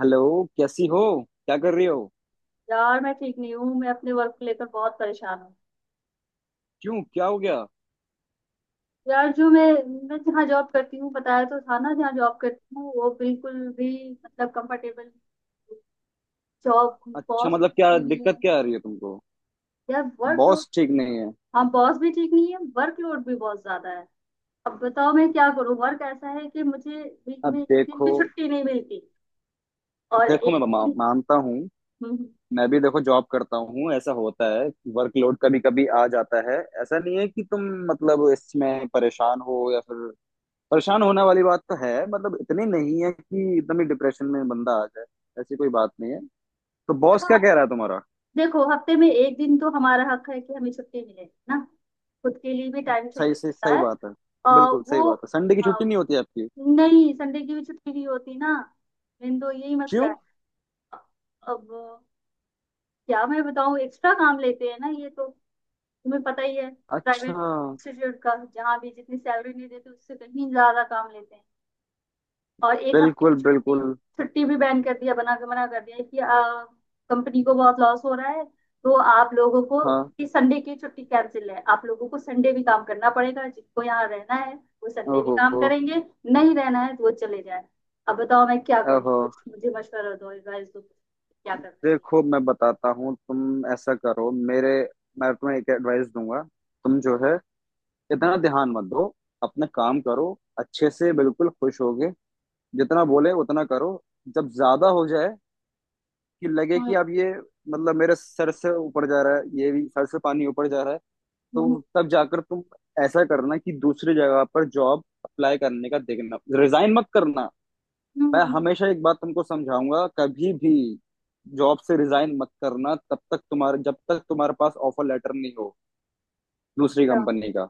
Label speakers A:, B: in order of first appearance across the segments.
A: Hello. कैसी हो? क्या कर रही हो?
B: यार मैं ठीक नहीं हूँ। मैं अपने वर्क को लेकर बहुत परेशान हूँ।
A: क्यों, क्या हो गया?
B: यार जो मैं जहाँ जॉब करती हूँ बताया तो था ना, जहाँ जॉब करती हूँ वो बिल्कुल भी मतलब कंफर्टेबल जॉब।
A: अच्छा,
B: बॉस
A: मतलब
B: भी
A: क्या
B: सही नहीं
A: दिक्कत
B: है,
A: क्या आ रही है तुमको?
B: यार वर्कलोड।
A: बॉस ठीक नहीं है?
B: हाँ, बॉस भी ठीक नहीं है, वर्कलोड भी बहुत ज्यादा है। अब बताओ मैं क्या करूँ, वर्क ऐसा है कि मुझे वीक
A: अब
B: में एक दिन
A: देखो,
B: की छुट्टी नहीं मिलती, और
A: देखो
B: एक
A: मैं मा,
B: दिन।
A: मानता हूँ।
B: हम्म, हम्म।
A: मैं भी देखो जॉब करता हूँ, ऐसा होता है। वर्कलोड कभी कभी आ जाता है। ऐसा नहीं है कि तुम मतलब इसमें परेशान हो या फिर, परेशान होने वाली बात तो है, मतलब इतनी नहीं है कि एकदम ही डिप्रेशन में बंदा आ जाए। ऐसी कोई बात नहीं है। तो बॉस क्या
B: देखो,
A: कह रहा है तुम्हारा?
B: देखो हफ्ते में एक दिन तो हमारा हक है कि हमें छुट्टी मिले ना। खुद के लिए भी टाइम चाहिए
A: सही सही
B: होता
A: सही
B: है।
A: बात है।
B: अ,
A: बिल्कुल सही
B: वो।
A: बात है। संडे की छुट्टी
B: अ,
A: नहीं होती आपकी?
B: नहीं, संडे की भी छुट्टी नहीं होती ना, मेन तो यही मसला
A: क्यों?
B: है। अब क्या मैं बताऊं, एक्स्ट्रा काम लेते हैं ना ये तो, तुम्हें पता ही है। प्राइवेट
A: अच्छा।
B: इंस्टीट्यूट का जहाँ भी, जितनी सैलरी नहीं देते उससे कहीं ज्यादा काम लेते हैं। और एक हफ्ते
A: बिल्कुल
B: की छुट्टी,
A: बिल्कुल।
B: छुट्टी भी बैन कर दिया, बना के मना कर दिया कि कंपनी को बहुत लॉस हो रहा है तो आप लोगों को,
A: हाँ।
B: कि संडे की छुट्टी कैंसिल है, आप लोगों को संडे भी काम करना पड़ेगा। जिनको यहाँ रहना है वो संडे भी काम
A: ओहो।
B: करेंगे, नहीं रहना है तो वो चले जाए। अब बताओ मैं क्या करूँ,
A: ओहो।
B: कुछ मुझे मशवरा दो, एडवाइस दो, क्या करना चाहिए।
A: देखो मैं बताता हूँ, तुम ऐसा करो, मेरे, मैं तुम्हें एक एडवाइस दूंगा। तुम जो है इतना ध्यान मत दो, अपना काम करो अच्छे से, बिल्कुल खुश होगे। जितना बोले उतना करो। जब ज्यादा हो जाए कि लगे
B: हम्म,
A: कि अब ये मतलब मेरे सर से ऊपर जा रहा है, ये भी सर से पानी ऊपर जा रहा है, तो
B: हम्म।
A: तब जाकर तुम ऐसा करना कि दूसरी जगह पर जॉब अप्लाई करने का देखना। रिजाइन मत करना। मैं
B: हम्म।
A: हमेशा एक बात तुमको समझाऊंगा, कभी भी जॉब से रिजाइन मत करना तब तक तुम्हारे, जब तक तुम्हारे पास ऑफर लेटर नहीं हो दूसरी
B: अच्छा।
A: कंपनी का।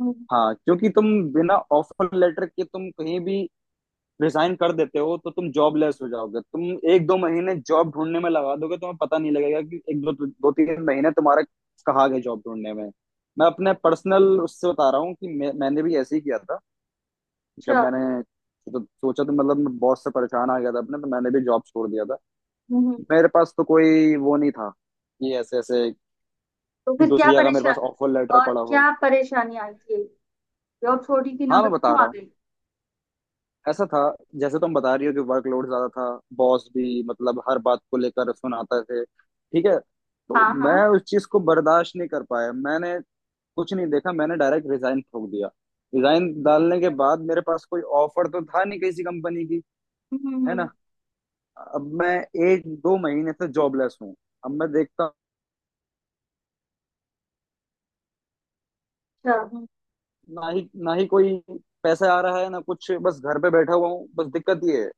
B: हम्म।
A: हाँ क्योंकि तुम बिना ऑफर लेटर के तुम कहीं भी रिजाइन कर देते हो तो तुम जॉबलेस हो जाओगे। तुम एक दो महीने जॉब ढूंढने में लगा दोगे, तुम्हें पता नहीं लगेगा कि एक दो दो तीन महीने तुम्हारा कहाँ गए जॉब ढूंढने में। मैं अपने पर्सनल उससे बता रहा हूँ कि मैंने भी ऐसे ही किया था।
B: अच्छा,
A: जब मैंने तो सोचा तो मतलब मैं बहुत से परेशान आ गया था अपने, तो मैंने भी जॉब छोड़ दिया था।
B: हम्म।
A: मेरे पास तो कोई वो नहीं था कि ऐसे ऐसे
B: तो
A: कि
B: फिर क्या
A: दूसरी जगह मेरे
B: परेशान
A: पास ऑफर लेटर
B: और
A: पड़ा हो।
B: क्या परेशानी आई थी, जॉब छोड़ी की
A: हाँ मैं
B: नौबत
A: बता
B: क्यों आ
A: रहा हूँ।
B: गई?
A: ऐसा था जैसे तुम बता रही हो कि वर्कलोड ज्यादा था, बॉस भी मतलब हर बात को लेकर सुनाते थे, ठीक है, तो
B: हाँ, हाँ।
A: मैं उस चीज को बर्दाश्त नहीं कर पाया। मैंने कुछ नहीं देखा, मैंने डायरेक्ट रिजाइन ठोक दिया। रिजाइन डालने के बाद मेरे पास कोई ऑफर तो था नहीं किसी कंपनी की,
B: हम्म,
A: है ना। अब मैं एक दो महीने से जॉबलेस हूँ। अब मैं देखता,
B: अच्छा।
A: ना ही कोई पैसा आ रहा है ना कुछ, बस घर पे बैठा हुआ हूँ, बस दिक्कत ये है।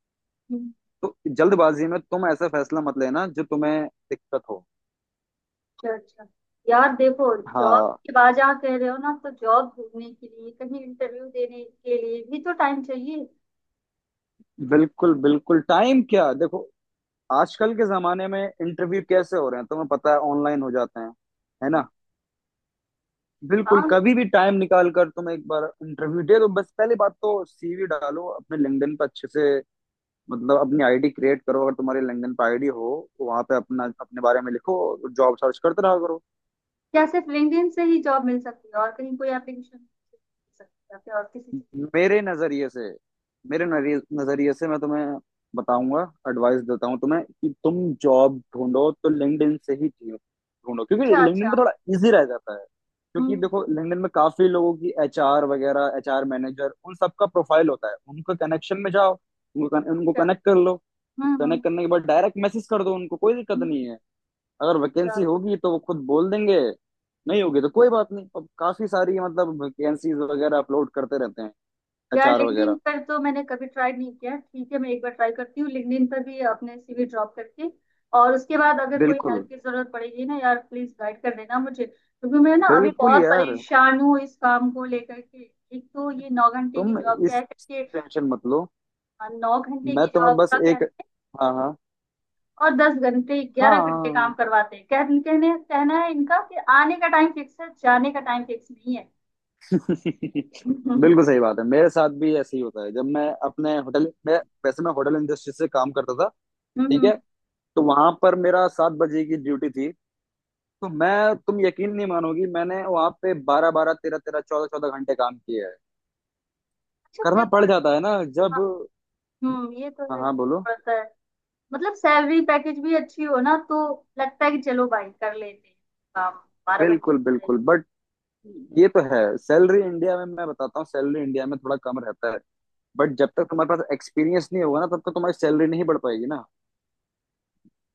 B: हम्म।
A: तो जल्दबाजी में तुम ऐसा फैसला मत लेना जो तुम्हें दिक्कत हो।
B: अच्छा, अच्छा। यार देखो जॉब
A: हाँ
B: की बात जहाँ कह रहे हो ना, तो जॉब ढूंढने के लिए कहीं इंटरव्यू देने के लिए भी तो टाइम चाहिए।
A: बिल्कुल बिल्कुल। टाइम क्या, देखो आजकल के जमाने में इंटरव्यू कैसे हो रहे हैं तुम्हें पता है? ऑनलाइन हो जाते हैं, है ना। बिल्कुल
B: हाँ।
A: कभी भी टाइम निकाल कर तुम एक बार इंटरव्यू दे दो। बस पहली बात तो सीवी डालो अपने लिंक्डइन पर अच्छे से, मतलब अपनी आईडी क्रिएट करो, अगर तुम्हारे लिंक्डइन पर आईडी हो वहां पे अपना अपने बारे में लिखो, जॉब सर्च करते रहा करो।
B: क्या सिर्फ लिंक्डइन से ही जॉब मिल सकती है, और कहीं कोई एप्लीकेशन मिल सकती है या फिर और किसी चीज?
A: मेरे नजरिए से, मेरे नजरिए से मैं तुम्हें बताऊंगा, एडवाइस देता हूँ तुम्हें कि तुम जॉब ढूंढो तो लिंक्डइन से ही ढूंढो, क्योंकि
B: अच्छा,
A: लिंक्डइन
B: अच्छा।
A: पे थोड़ा इजी रह जाता है। क्योंकि
B: हम्म।
A: देखो लिंक्डइन में काफी लोगों की एचआर वगैरह एचआर मैनेजर उन सबका प्रोफाइल होता है, उनका कनेक्शन में जाओ, उनको
B: अच्छा।
A: कनेक्ट कर लो।
B: हम्म,
A: कनेक्ट करने के बाद डायरेक्ट मैसेज कर दो उनको, कोई दिक्कत
B: हम्म।
A: नहीं है। अगर
B: अच्छा।
A: वैकेंसी होगी तो वो खुद बोल देंगे, नहीं होगी तो कोई बात नहीं। अब काफी सारी मतलब वैकेंसीज वगैरह अपलोड करते रहते हैं,
B: यार
A: अचार
B: लिंक्डइन
A: वगैरह।
B: पर तो मैंने कभी ट्राई नहीं किया। ठीक है, मैं एक बार ट्राई करती हूँ लिंक्डइन पर भी, अपने सीवी ड्रॉप करके। और उसके बाद अगर कोई
A: बिल्कुल
B: हेल्प की जरूरत पड़ेगी ना यार, प्लीज गाइड कर देना मुझे, क्योंकि मैं ना अभी
A: बिल्कुल
B: बहुत
A: यार।
B: परेशान हूँ इस काम को लेकर के। एक तो ये नौ घंटे की
A: तुम
B: जॉब क्या
A: इस
B: है करके।
A: टेंशन मत लो।
B: हाँ, नौ घंटे
A: मैं
B: की
A: तुम्हें
B: जॉब
A: बस
B: का
A: एक,
B: कहते हैं
A: हाँ हाँ।
B: और दस घंटे, ग्यारह घंटे काम
A: हाँ
B: करवाते हैं। कह कहने कहना है इनका कि आने का टाइम फिक्स है, जाने का टाइम फिक्स नहीं है। हम्म,
A: बिल्कुल सही बात है, मेरे साथ भी ऐसे ही होता है जब मैं अपने होटल मैं, वैसे मैं होटल इंडस्ट्री से काम करता था,
B: हम्म,
A: ठीक
B: हम्म।
A: है, तो वहां पर मेरा 7 बजे की ड्यूटी थी। तो मैं, तुम यकीन नहीं मानोगी, मैंने वहां पे 12 12 13 13 14 14 घंटे काम किए है।
B: अच्छा,
A: करना पड़
B: देखो।
A: जाता है ना जब।
B: हाँ, हम्म, ये तो
A: हाँ
B: है,
A: हाँ बोलो।
B: मतलब सैलरी पैकेज भी अच्छी हो ना तो लगता है कि चलो भाई कर लेते हैं काम, बारह घंटे
A: बिल्कुल
B: का है।
A: बिल्कुल बट ये तो है। सैलरी इंडिया में मैं बताता हूँ, सैलरी इंडिया में थोड़ा कम रहता है। बट जब तक तुम्हारे पास एक्सपीरियंस नहीं होगा ना, तब तक तुम्हारी सैलरी नहीं बढ़ पाएगी ना।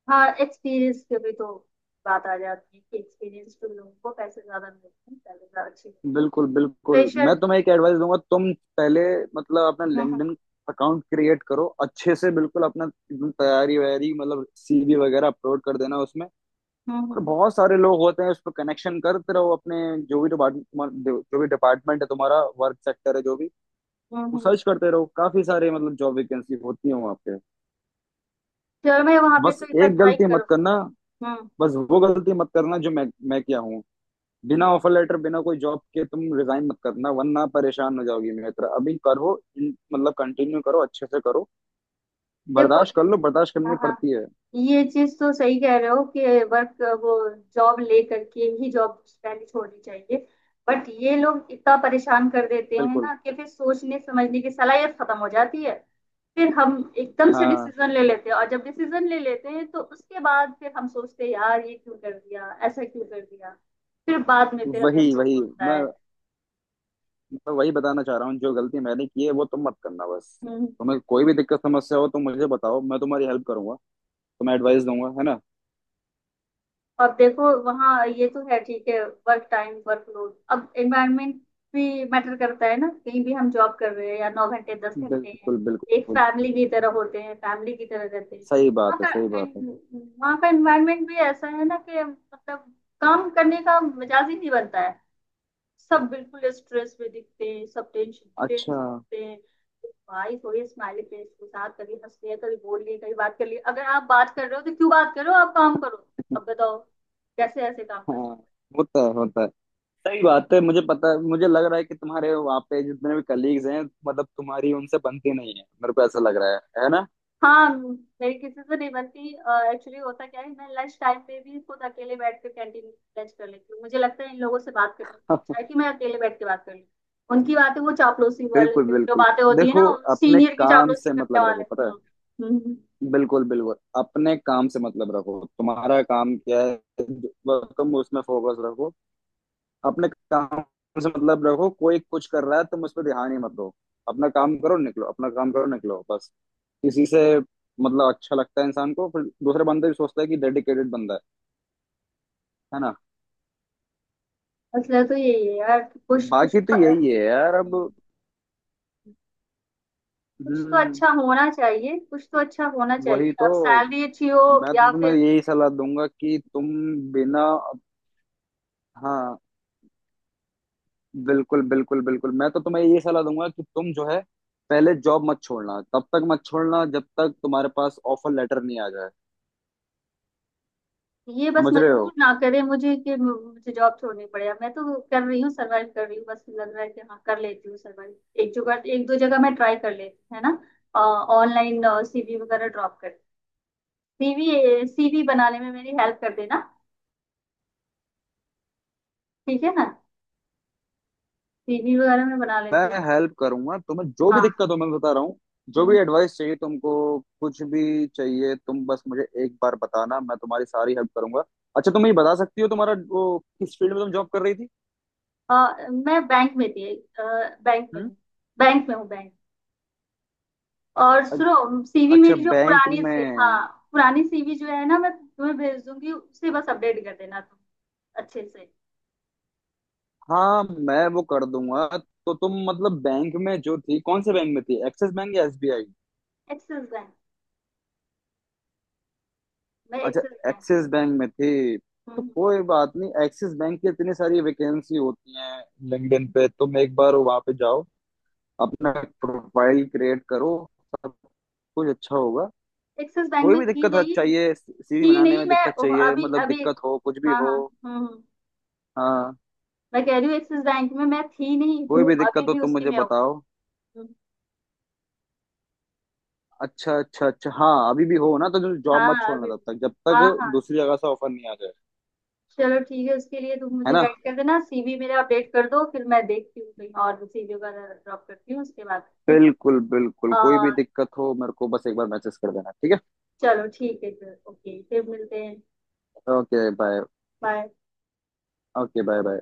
B: हाँ, एक्सपीरियंस पे भी तो बात आ जाती है कि एक्सपीरियंस तो लोगों को पैसे ज्यादा मिलते हैं, सैलरी ज्यादा अच्छी,
A: बिल्कुल बिल्कुल।
B: प्रेशर।
A: मैं तुम्हें एक एडवाइस दूंगा, तुम पहले मतलब अपना
B: हम्म, हम्म।
A: लिंक्डइन अकाउंट क्रिएट करो अच्छे से बिल्कुल। अपना एकदम तैयारी वैयारी मतलब सीवी वगैरह अपलोड कर देना उसमें,
B: हम्म,
A: और बहुत सारे लोग होते हैं उस पर, कनेक्शन करते रहो अपने जो भी डिपार्टमेंट, जो भी डिपार्टमेंट है तुम्हारा वर्क सेक्टर है जो भी, वो
B: हम्म।
A: सर्च करते रहो। काफी सारे मतलब जॉब वैकेंसी होती है वहाँ पे।
B: चलो, मैं वहां पे
A: बस
B: तो एक बार
A: एक
B: ट्राई
A: गलती मत
B: करूंगी।
A: करना,
B: हम्म।
A: बस वो गलती मत करना जो मैं किया हूँ।
B: हम्म।
A: बिना ऑफर लेटर बिना कोई जॉब के तुम रिजाइन मत करना, वरना परेशान हो जाओगी मित्र। अभी करो मतलब कंटिन्यू करो अच्छे से करो।
B: देखो।
A: बर्दाश्त कर लो, बर्दाश्त करनी
B: हाँ, हाँ।
A: पड़ती है।
B: ये चीज तो सही कह रहे हो कि वर्क, वो जॉब ले करके ही जॉब पहले छोड़नी चाहिए। बट ये लोग इतना परेशान कर देते हैं
A: बिल्कुल।
B: ना कि फिर सोचने समझने की सलाहियत खत्म हो जाती है। फिर हम एकदम से
A: हाँ।
B: डिसीजन ले लेते हैं, और जब डिसीजन ले लेते हैं तो उसके बाद फिर हम सोचते हैं यार ये क्यों कर दिया, ऐसा क्यों कर दिया। फिर बाद में फिर हमें
A: वही
B: अफसोस
A: वही,
B: होता
A: मैं
B: है।
A: मैं वही बताना चाह रहा हूँ, जो गलती मैंने की है वो तुम मत करना बस।
B: हम्म।
A: तुम्हें कोई भी दिक्कत समस्या हो तो मुझे बताओ, मैं तुम्हारी हेल्प करूंगा, तुम्हें एडवाइस दूंगा, है ना।
B: अब देखो वहाँ ये तो है, ठीक है। वर्क टाइम, वर्क लोड, अब एनवायरनमेंट भी मैटर करता है ना, कहीं भी हम जॉब कर रहे हैं या नौ घंटे, दस घंटे हैं।
A: बिल्कुल
B: एक
A: बिल्कुल।
B: फैमिली की तरह होते हैं, फैमिली की तरह रहते हैं।
A: सही बात
B: वहाँ
A: है सही
B: का
A: बात है।
B: एन- वहाँ का एनवायरनमेंट भी ऐसा है ना कि मतलब काम करने का मिजाज ही नहीं बनता है। सब बिल्कुल स्ट्रेस में दिखते हैं, सब टेंशन, टेंस
A: अच्छा।
B: दिखते हैं। भाई थोड़ी स्माइली फेस के साथ कभी हंस लिया, कभी बोल लिए, कभी बात कर लिए। अगर आप बात कर रहे हो तो क्यों बात करो, आप काम करो। अब बताओ कैसे ऐसे काम कर सकते।
A: हाँ होता है होता है। सही बात है, मुझे पता, मुझे लग रहा है कि तुम्हारे वहाँ पे जितने भी कलीग्स हैं मतलब तुम्हारी उनसे बनती नहीं है, मेरे को ऐसा लग रहा है ना।
B: हाँ, मेरी किसी से नहीं बनती, एक्चुअली होता क्या है, मैं लंच टाइम पे भी खुद अकेले बैठ कर कैंटीन में लंच कर लेती हूँ। मुझे लगता है इन लोगों से बात करने से अच्छा है कि मैं अकेले बैठ के बात कर लूँ। उनकी बातें, वो चापलूसी
A: बिल्कुल
B: वाले जो
A: बिल्कुल।
B: बातें होती है ना,
A: देखो अपने
B: सीनियर की
A: काम
B: चापलूसी
A: से
B: करने
A: मतलब
B: वाले।
A: रखो, पता
B: हम्म।
A: है।
B: हम्म, हम्म।
A: बिल्कुल बिल्कुल। अपने काम से मतलब रखो, तुम्हारा काम क्या है, तुम उसमें फोकस रखो, अपने काम से मतलब रखो। कोई कुछ कर रहा है तुम उस पर ध्यान ही मत दो। अपना काम करो निकलो, अपना काम करो निकलो बस। इसी से मतलब अच्छा लगता है इंसान को, फिर दूसरे बंदे भी सोचता है कि डेडिकेटेड बंदा है ना।
B: मसला तो यही है यार कि कुछ, कुछ
A: बाकी तो
B: तो,
A: यही है यार अब।
B: कुछ तो
A: हम्म
B: अच्छा होना चाहिए। कुछ तो अच्छा होना
A: वही
B: चाहिए,
A: तो,
B: अब सैलरी अच्छी हो
A: मैं तो
B: या
A: तुम्हें
B: फिर
A: यही सलाह दूंगा कि तुम बिना, हाँ बिल्कुल बिल्कुल बिल्कुल। मैं तो तुम्हें यही सलाह दूंगा कि तुम जो है पहले जॉब मत छोड़ना, तब तक मत छोड़ना जब तक तुम्हारे पास ऑफर लेटर नहीं आ जाए।
B: ये, बस
A: समझ रहे
B: मजबूर
A: हो।
B: ना करे मुझे कि मुझे जॉब छोड़नी पड़े। अब मैं तो कर रही हूँ, सरवाइव कर रही हूँ, बस लग रहा है कि हाँ कर लेती हूँ सरवाइव। एक जगह, एक दो जगह मैं ट्राई कर लेती हूँ, है ना। ऑनलाइन सीवी वगैरह ड्रॉप कर, सीवी, सीवी बनाने में मेरी हेल्प कर देना, ठीक है ना। सीवी वगैरह मैं बना
A: मैं
B: लेती हूँ।
A: हेल्प करूंगा तुम्हें, जो भी
B: हाँ।
A: दिक्कत हो मैं बता रहा हूँ, जो
B: हम्म।
A: भी एडवाइस चाहिए तुमको, कुछ भी चाहिए तुम बस मुझे एक बार बताना, मैं तुम्हारी सारी हेल्प करूंगा। अच्छा तुम ये बता सकती हो तुम्हारा वो किस फील्ड में तुम जॉब कर रही थी?
B: मैं बैंक में थी। अ, बैंक में
A: हम्म?
B: हूँ। बैंक में हूँ, बैंक। और
A: अ-
B: सुनो सीवी
A: अच्छा
B: मेरी जो
A: बैंक
B: पुरानी
A: में।
B: से, हाँ, पुरानी सीवी जो है ना, मैं तुम्हें भेज दूंगी, उसे बस अपडेट कर देना तुम अच्छे से।
A: हाँ मैं वो कर दूंगा। तो तुम मतलब बैंक में जो थी, कौन से बैंक में थी, एक्सिस बैंक या एसबीआई?
B: एक्सिस बैंक, मैं एक्सिस
A: अच्छा
B: बैंक।
A: एक्सिस बैंक में थी। तो
B: हम्म।
A: कोई बात नहीं, एक्सिस बैंक की इतनी सारी वैकेंसी होती हैं। लिंक्डइन पे तुम एक बार वहां पे जाओ, अपना प्रोफाइल क्रिएट करो, सब कुछ अच्छा होगा।
B: एक्सिस बैंक
A: कोई
B: में
A: भी
B: थी नहीं,
A: चाहिए, सीवी
B: थी
A: बनाने
B: नहीं
A: में
B: मैं,
A: दिक्कत चाहिए
B: अभी
A: मतलब
B: अभी।
A: दिक्कत हो कुछ भी
B: हाँ,
A: हो।
B: हाँ। हम्म,
A: हाँ,
B: मैं कह रही हूँ एक्सिस बैंक में मैं थी नहीं,
A: कोई
B: हूँ
A: भी दिक्कत
B: अभी
A: हो
B: भी,
A: तुम
B: उसी
A: मुझे
B: में हूँ।
A: बताओ।
B: हम्म।
A: अच्छा अच्छा अच्छा। हाँ अभी भी हो ना तो जॉब मत
B: हाँ,
A: छोड़ना,
B: अभी
A: तब
B: भी।
A: तक जब
B: हाँ,
A: तक
B: हाँ।
A: दूसरी जगह से ऑफर नहीं आ जाए,
B: चलो ठीक है, उसके लिए तुम
A: है
B: मुझे
A: ना।
B: गाइड कर देना। सीवी मेरा अपडेट कर दो, फिर मैं देखती हूँ कहीं और सीवी वगैरह ड्रॉप करती हूँ उसके बाद। ठीक है।
A: बिल्कुल बिल्कुल, कोई
B: आ,
A: भी दिक्कत हो मेरे को बस एक बार मैसेज कर देना, ठीक है।
B: चलो ठीक है फिर, ओके, फिर मिलते हैं।
A: Okay bye.
B: Bye.
A: Okay bye bye.